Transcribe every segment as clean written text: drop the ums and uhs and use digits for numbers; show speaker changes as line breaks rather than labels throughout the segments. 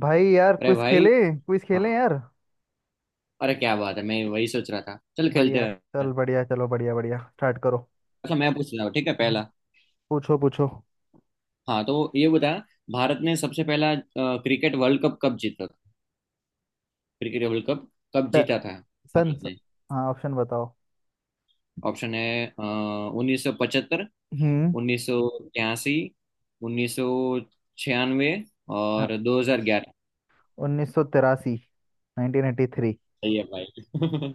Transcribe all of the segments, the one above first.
भाई यार
अरे
क्विज
भाई।
खेले। क्विज
हाँ।
खेले यार।
अरे क्या बात है, मैं वही सोच रहा था, चल
बढ़िया।
खेलते हैं।
चल बढ़िया चलो बढ़िया बढ़िया स्टार्ट करो।
अच्छा, मैं पूछ रहा हूँ, ठीक है,
हम्म।
पहला।
पूछो पूछो।
हाँ तो ये बता, भारत ने सबसे पहला क्रिकेट वर्ल्ड कप कब जीता था? क्रिकेट वर्ल्ड कप कब
प-
जीता था?
सन
भारत
स-
ने।
हाँ ऑप्शन बताओ।
ऑप्शन है, 1975,
हम्म
1983, 1996
हाँ
और 2011।
1983। 1983।
सही है भाई।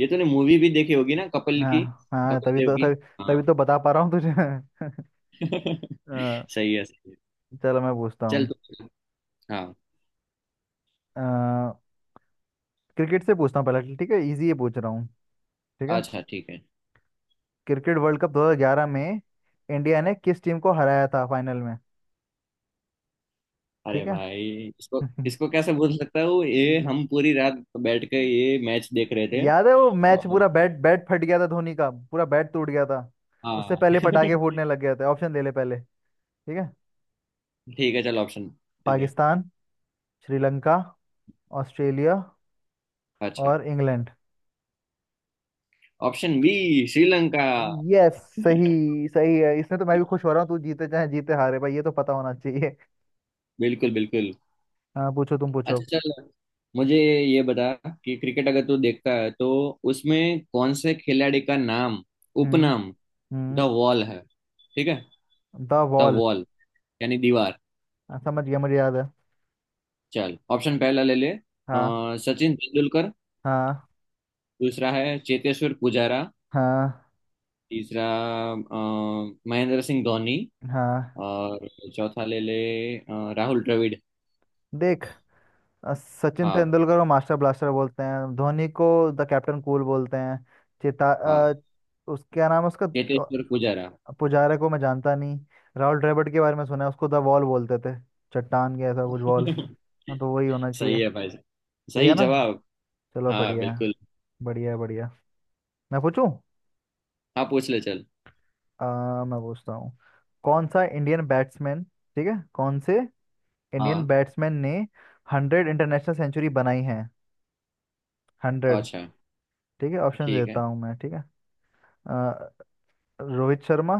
ये तूने मूवी भी देखी होगी ना, कपिल की?
हाँ हाँ,
कपिल देव की।
तभी
हाँ।
तो बता पा रहा हूँ तुझे। अ,
सही है, सही है।
चलो मैं पूछता
चल
हूँ।
तू। हाँ।
अ, क्रिकेट से पूछता हूँ पहले, ठीक है, इजी ये पूछ रहा हूँ, ठीक है।
अच्छा ठीक है।
क्रिकेट वर्ल्ड कप 2011 में इंडिया ने किस टीम को हराया था फाइनल में?
अरे
ठीक है।
भाई, इसको इसको कैसे भूल सकता हूँ, ये
हम्म।
हम पूरी रात बैठ के ये मैच देख रहे थे।
याद है वो मैच,
और
पूरा बैट बैट फट गया था धोनी का, पूरा बैट टूट गया था।
हाँ।
उससे पहले पटाखे फूटने लग गए थे। ऑप्शन ले ले पहले, ठीक है।
ठीक है, चल ऑप्शन दे दे।
पाकिस्तान, श्रीलंका, ऑस्ट्रेलिया
अच्छा।
और England.
Option B, Sri Lanka.
Yes. सही, सही है। इसमें तो मैं भी खुश हो रहा हूँ। तू जीते चाहे जीते हारे भाई, ये तो पता होना चाहिए।
बिल्कुल बिल्कुल।
हाँ पूछो, तुम पूछो।
अच्छा चल, मुझे ये बता कि क्रिकेट अगर तू देखता है, तो उसमें कौन से खिलाड़ी का नाम,
हम्म।
उपनाम द
हम्म।
वॉल है? ठीक है।
The
the
wall.
वॉल यानी दीवार।
हाँ, समझ गया, मुझे याद है।
चल ऑप्शन पहला ले ले।
हाँ।
सचिन तेंदुलकर।
हाँ।
दूसरा है चेतेश्वर पुजारा।
हाँ।
तीसरा, अ, महेंद्र सिंह धोनी।
हाँ।
और चौथा ले ले, राहुल द्रविड़।
देख, सचिन
हाँ
तेंदुलकर को मास्टर ब्लास्टर बोलते हैं, धोनी को द कैप्टन कूल बोलते हैं। चेता, अ,
हाँ,
उस क्या नाम है उसका,
चेतेश्वर पुजारा।
अ, पुजारा को मैं जानता नहीं। राहुल द्रविड़ के बारे में सुना है, उसको द वॉल बोलते थे, चट्टान के ऐसा कुछ वॉल। हाँ तो वही होना चाहिए।
सही है भाई।
सही
सही
है ना?
जवाब।
चलो
हाँ
बढ़िया है।
बिल्कुल।
बढ़िया है बढ़िया। मैं पूछूं।
हाँ पूछ ले चल।
मैं पूछता हूँ। कौन से इंडियन
हाँ।
बैट्समैन ने 100 इंटरनेशनल सेंचुरी बनाई है? 100।
अच्छा
ठीक है, ऑप्शन
ठीक
देता
है।
हूँ मैं, ठीक है। रोहित शर्मा,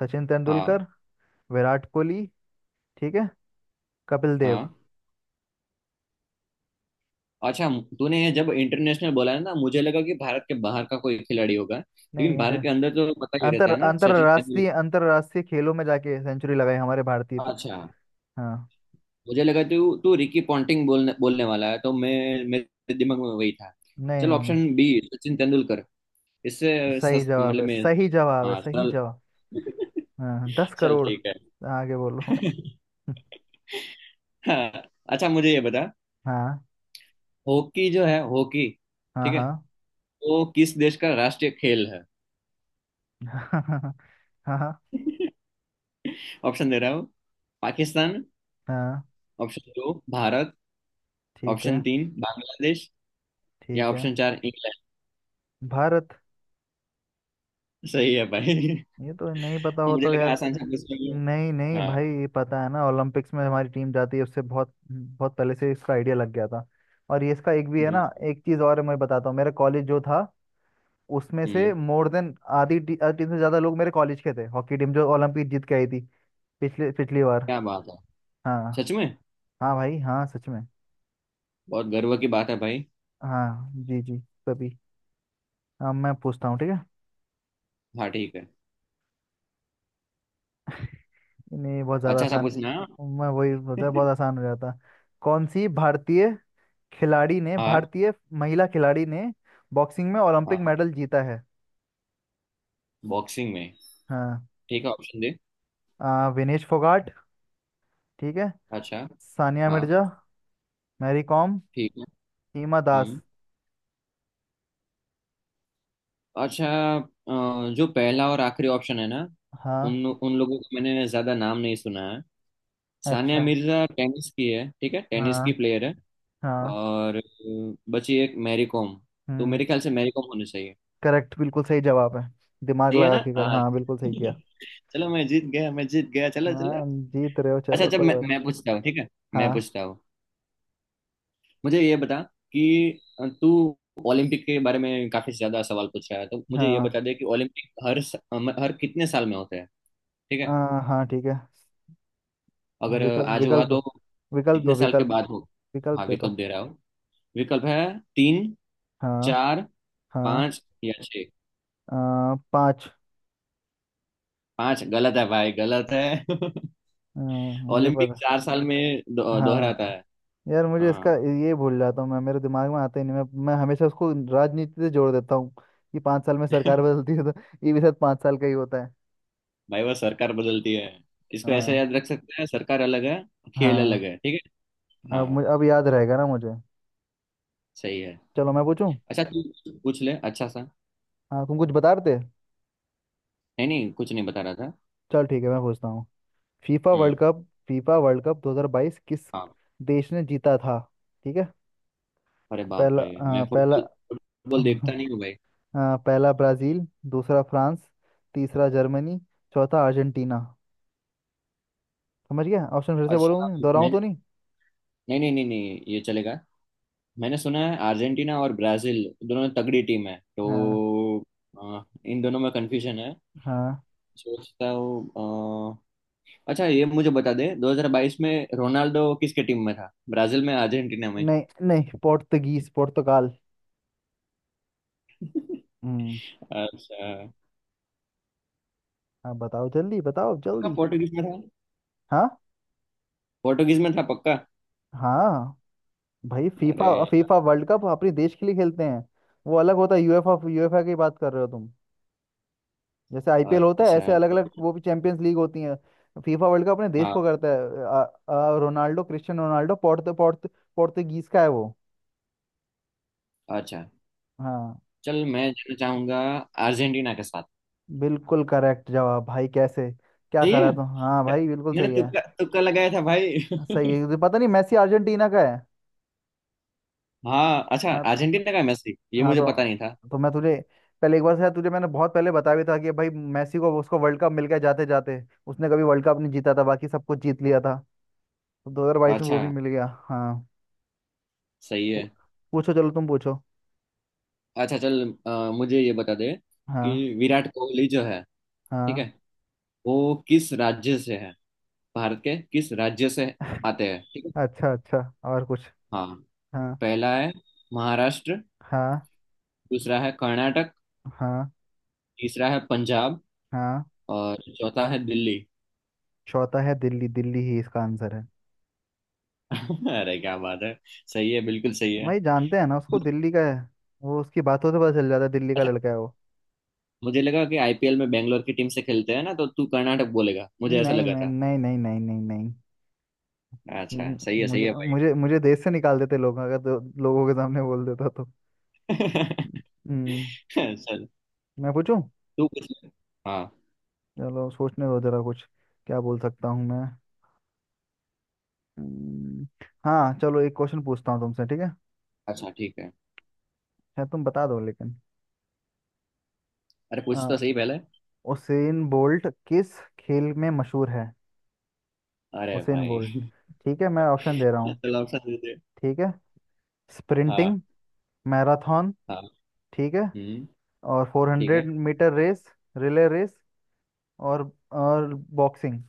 सचिन
हाँ
तेंदुलकर, विराट कोहली, ठीक है, कपिल देव।
हाँ। अच्छा, तूने ये जब इंटरनेशनल बोला है ना, मुझे लगा कि भारत के बाहर का कोई खिलाड़ी होगा,
नहीं,
लेकिन भारत
इंटर
के अंदर तो पता ही रहता
अंतर
है ना, सचिन तेंदुलकर।
अंतरराष्ट्रीय अंतरराष्ट्रीय खेलों में जाके सेंचुरी लगाई हमारे भारतीय।
अच्छा,
हाँ।
मुझे लगा तू तू रिकी पॉन्टिंग बोलने बोलने वाला है, तो मैं, मेरे दिमाग में वही था।
नहीं
चल
नहीं नहीं।
Option B, Sachin Tendulkar.
सही जवाब
मतलब
है,
मैं।
सही जवाब है,
हाँ
सही
सरल।
जवाब। हाँ। हाँ, दस
चल
करोड़
ठीक है।
आगे बोलो।
हाँ। अच्छा, मुझे ये बता,
हाँ।
हॉकी जो है, हॉकी,
हाँ।
ठीक है,
हाँ।
वो किस देश का राष्ट्रीय खेल है?
हाँ। हाँ।
ऑप्शन दे रहा हूँ। पाकिस्तान।
हाँ।
ऑप्शन दो, भारत।
ठीक
ऑप्शन
है।
तीन, बांग्लादेश। या
ठीक है।
ऑप्शन चार, इंग्लैंड।
भारत।
सही है भाई।
ये तो नहीं पता हो
मुझे
तो
लगा
यार।
आसान सा प्रश्न है।
नहीं नहीं
हाँ
भाई, ये पता है ना, ओलंपिक्स में हमारी टीम जाती है उससे बहुत बहुत पहले से इसका आइडिया लग गया था। और ये इसका एक भी है ना।
बिल्कुल।
एक चीज़ और मैं बताता हूँ, मेरा कॉलेज जो था, उसमें से
हम्म।
मोर देन आधी टीम से ज़्यादा लोग मेरे कॉलेज के थे, हॉकी टीम जो ओलंपिक जीत के आई थी पिछले पिछली बार।
क्या बात है?
हाँ।
सच में?
हाँ भाई, हाँ सच में।
बहुत गर्व की बात है भाई।
हाँ जी जी। कभी। हाँ मैं पूछता हूँ, ठीक है।
हाँ ठीक है।
नहीं, बहुत ज़्यादा
अच्छा सा
आसान।
पूछना,
मैं वही
हाँ।
सोचा, बहुत आसान हो जाता। कौन सी भारतीय खिलाड़ी ने
हाँ
भारतीय महिला खिलाड़ी ने बॉक्सिंग में ओलंपिक
हाँ।
मेडल जीता है?
बॉक्सिंग में,
हाँ।
ठीक है। ऑप्शन दे।
विनेश फोगाट, ठीक है,
अच्छा।
सानिया
हाँ।
मिर्जा, मैरी कॉम,
ठीक है।
हिमा दास।
हम्म। अच्छा, जो पहला और आखिरी ऑप्शन है ना,
हाँ।
उन उन लोगों का मैंने ज्यादा नाम नहीं सुना है। सानिया
अच्छा।
मिर्जा टेनिस की है, ठीक है, टेनिस की
हाँ।
प्लेयर है।
हाँ।
और बची एक मैरी कॉम। तो
हम्म।
मेरे ख्याल से मैरी कॉम होनी चाहिए।
करेक्ट, बिल्कुल सही जवाब है। दिमाग
सही है
लगा
ना?
के कर,
हाँ।
हाँ बिल्कुल सही किया।
चलो मैं जीत गया, मैं जीत गया, चलो चलो।
हाँ जीत रहे हो,
अच्छा
चलो
अच्छा,
कोई
मैं
बात।
मैं पूछता हूँ, ठीक है। मैं
हाँ।
पूछता हूँ। मुझे ये बता, कि तू ओलंपिक के बारे में काफी ज्यादा सवाल पूछ रहा है, तो मुझे ये
हाँ।
बता दे कि ओलंपिक हर हर कितने साल में होते हैं? ठीक है,
हाँ ठीक है।
अगर
विकल्प
आज हुआ
विकल्प दो
तो
विकल्प दो
कितने साल के
विकल्प
बाद हो?
विकल्प
हाँ
दे दो।
विकल्प दे रहा हूँ। विकल्प है, तीन,
हाँ।
चार,
हाँ।
पाँच या छः।
पाँच।
पाँच गलत है भाई, गलत है।
हाँ, मुझे
ओलंपिक
पता।
4 साल में दोहराता
हाँ
है।
यार मुझे इसका,
हाँ।
ये भूल जाता हूँ मैं, मेरे दिमाग में आता ही नहीं। मैं हमेशा उसको राजनीति से जोड़ देता हूँ कि 5 साल में सरकार बदलती है, तो ये भी शायद 5 साल का ही होता है।
भाई वो सरकार बदलती है। इसको ऐसा
हाँ।
याद रख सकते हैं, सरकार अलग है, खेल अलग
हाँ।
है, ठीक है।
अब
हाँ
मुझे, अब याद रहेगा ना मुझे।
सही है।
चलो मैं पूछूं।
अच्छा तू पूछ ले, अच्छा सा।
हाँ तुम कुछ बता रहे थे।
नहीं नहीं, कुछ नहीं बता रहा था।
चल ठीक है मैं पूछता हूँ।
हम्म।
फीफा वर्ल्ड कप 2022 किस
हाँ।
देश ने जीता था? ठीक है।
अरे बाप
पहला,
रे।
अ,
मैं
पहला
फुटबॉल फुटबॉल
अ,
देखता नहीं हूँ भाई।
पहला ब्राज़ील, दूसरा फ्रांस, तीसरा जर्मनी, चौथा अर्जेंटीना। समझ गया। ऑप्शन फिर से
अच्छा।
बोलूँ, दोहराऊँ तो
मैंने,
नहीं।
नहीं नहीं नहीं नहीं, ये चलेगा। मैंने सुना है अर्जेंटीना और ब्राजील दोनों तगड़ी टीम है,
हाँ।
तो इन दोनों में कंफ्यूजन है।
हाँ,
सोचता हूँ। अ, अच्छा ये मुझे बता दे, 2022 में रोनाल्डो किसके टीम में था, ब्राजील में, अर्जेंटीना में?
नहीं नहीं, पोर्तुगीज, पुर्तगाल। हम्म।
अच्छा।
हाँ बताओ जल्दी, बताओ
पक्का
जल्दी।
पोर्टुगीज में था?
हाँ।
पोर्टुगीज में था पक्का।
हाँ। भाई
अरे
फीफा फीफा
यार।
वर्ल्ड कप अपने देश के लिए खेलते हैं, वो अलग होता है। यूएफा यूएफा की बात कर रहे हो तुम। जैसे आईपीएल होता है, ऐसे
अच्छा
अलग
तो
अलग, वो भी चैंपियंस लीग होती है। फीफा वर्ल्ड कप अपने देश को
हाँ।
करता है। आ, आ, रोनाल्डो क्रिस्टियानो रोनाल्डो पोर्त पोर्त पोर्तुगीज का है वो।
अच्छा
हाँ।
चल, मैं जाना चाहूंगा अर्जेंटीना के साथ।
बिल्कुल करेक्ट जवाब भाई, कैसे क्या
सही
करा
है।
तुम, हाँ भाई बिल्कुल
मैंने
सही है।
तुक्का तुक्का लगाया था भाई।
सही है, पता नहीं, मेसी अर्जेंटीना का है।
हाँ। अच्छा,
हाँ तो
अर्जेंटीना का मैच थी, ये
हाँ
मुझे पता नहीं था।
तो मैं तुझे पहले एक बार शायद तुझे मैंने बहुत पहले बताया भी था कि भाई मेसी को, उसको वर्ल्ड कप मिल गया जाते जाते। उसने कभी वर्ल्ड कप नहीं जीता था, बाकी सब कुछ जीत लिया था। तो 2022 में वो
अच्छा।
भी मिल गया। हाँ।
सही
पू-
है।
पूछो चलो, तुम पूछो।
अच्छा चल, मुझे ये बता दे
हाँ।
कि विराट कोहली जो है, ठीक है,
हाँ।
वो किस राज्य से है, भारत के किस राज्य से आते हैं, ठीक है।
अच्छा अच्छा। और कुछ?
हाँ।
हाँ।
पहला है महाराष्ट्र।
हाँ।
दूसरा है कर्नाटक।
हाँ।
तीसरा है पंजाब।
हाँ।
और चौथा है दिल्ली।
चौथा है दिल्ली, दिल्ली ही इसका आंसर है।
अरे क्या बात है, सही है, बिल्कुल सही है।
भाई जानते हैं ना उसको, दिल्ली का है वो। उसकी बातों से पता चल जाता है, दिल्ली का
अच्छा,
लड़का है वो।
मुझे लगा कि आईपीएल में बेंगलोर की टीम से खेलते हैं ना, तो तू कर्नाटक बोलेगा, मुझे ऐसा
नहीं
लगा
नहीं
था।
नहीं नहीं नहीं नहीं नहीं।
अच्छा
हम्म,
सही है, सही
मुझे
है
मुझे मुझे देश से निकाल देते लोग अगर, तो लोगों के सामने बोल देता तो।
भाई।
हम्म,
चल
मैं पूछूं।
तू पूछ ले। हाँ।
चलो सोचने दो जरा कुछ, क्या बोल सकता हूँ मैं। हम्म, हाँ चलो एक क्वेश्चन पूछता हूँ तुमसे, ठीक है।
अच्छा ठीक है।
शायद तुम बता दो लेकिन।
अरे पूछ
आ,
तो सही पहले।
उसेन बोल्ट किस खेल में मशहूर है?
अरे
उसेन
भाई।
बोल्ट। ठीक है, मैं ऑप्शन दे रहा हूँ,
चल ऑप्शन दे दे।
ठीक है।
हाँ
स्प्रिंटिंग, मैराथन,
हाँ।
ठीक है,
हम्म।
और फोर
ठीक है।
Hundred metre race, relay race, और और बॉक्सिंग।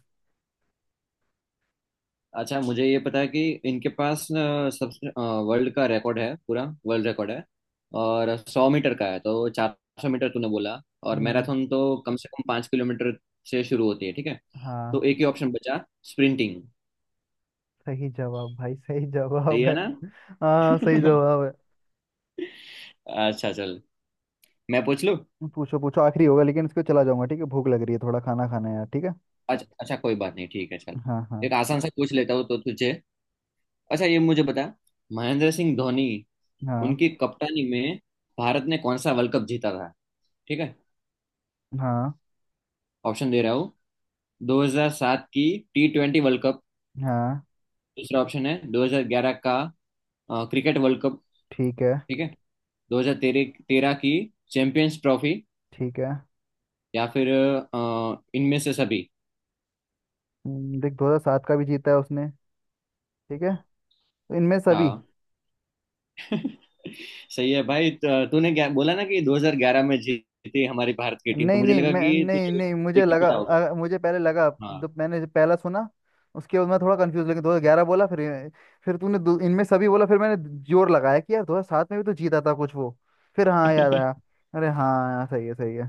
अच्छा, मुझे ये पता है कि इनके पास न, सबसे, वर्ल्ड का रिकॉर्ड है, पूरा वर्ल्ड रिकॉर्ड है। और 100 मीटर का है, तो 400 मीटर तूने बोला। और
हम्म।
मैराथन तो कम से कम 5 किलोमीटर से शुरू होती है, ठीक है। तो
हाँ
एक ही ऑप्शन बचा, स्प्रिंटिंग।
सही जवाब भाई, सही
सही
जवाब
है
है।
ना?
हाँ सही जवाब है।
अच्छा चल मैं पूछ लूँ।
पूछो पूछो, आखिरी होगा लेकिन, इसको चला जाऊंगा, ठीक है, भूख लग रही है, थोड़ा खाना खाना है यार, ठीक है।
अच्छा अच्छा, कोई बात नहीं, ठीक है चल।
हाँ हाँ।
एक आसान सा पूछ लेता हूँ तो तुझे। अच्छा ये मुझे बता, महेंद्र सिंह धोनी
हाँ।
उनकी कप्तानी में भारत ने कौन सा वर्ल्ड कप जीता था, ठीक है।
हाँ।
ऑप्शन दे रहा हूँ। 2007 की T20 वर्ल्ड कप।
हाँ।
दूसरा ऑप्शन है 2011 का क्रिकेट वर्ल्ड कप,
ठीक है।
ठीक है। 2013 तेरह तेरह की चैंपियंस ट्रॉफी।
ठीक है।
या फिर इनमें से सभी।
देख, 2007 का भी जीता है उसने, ठीक है, तो इनमें सभी।
हाँ। सही है भाई। तूने क्या बोला ना कि 2011 में जीती हमारी भारत की टीम, तो
नहीं
मुझे
नहीं,
लगा कि तुझे
मुझे
एक ही
लगा,
पता होगा।
मुझे पहले लगा,
हाँ।
जब मैंने, जब पहला सुना, उसके बाद मैं थोड़ा कंफ्यूज, लेकिन 2011 बोला, फिर तूने इनमें सभी बोला, फिर मैंने जोर लगाया कि यार 2007 में भी तो जीता था कुछ वो, फिर हाँ याद आया। अरे हाँ यार सही है, सही है।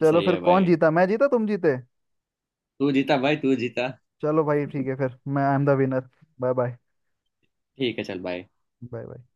चलो
सही
फिर,
है
कौन
भाई,
जीता, मैं जीता तुम जीते।
तू जीता भाई, तू जीता।
चलो भाई ठीक है फिर, मैं I am the winner. Bye bye.
ठीक है चल भाई।
Bye bye.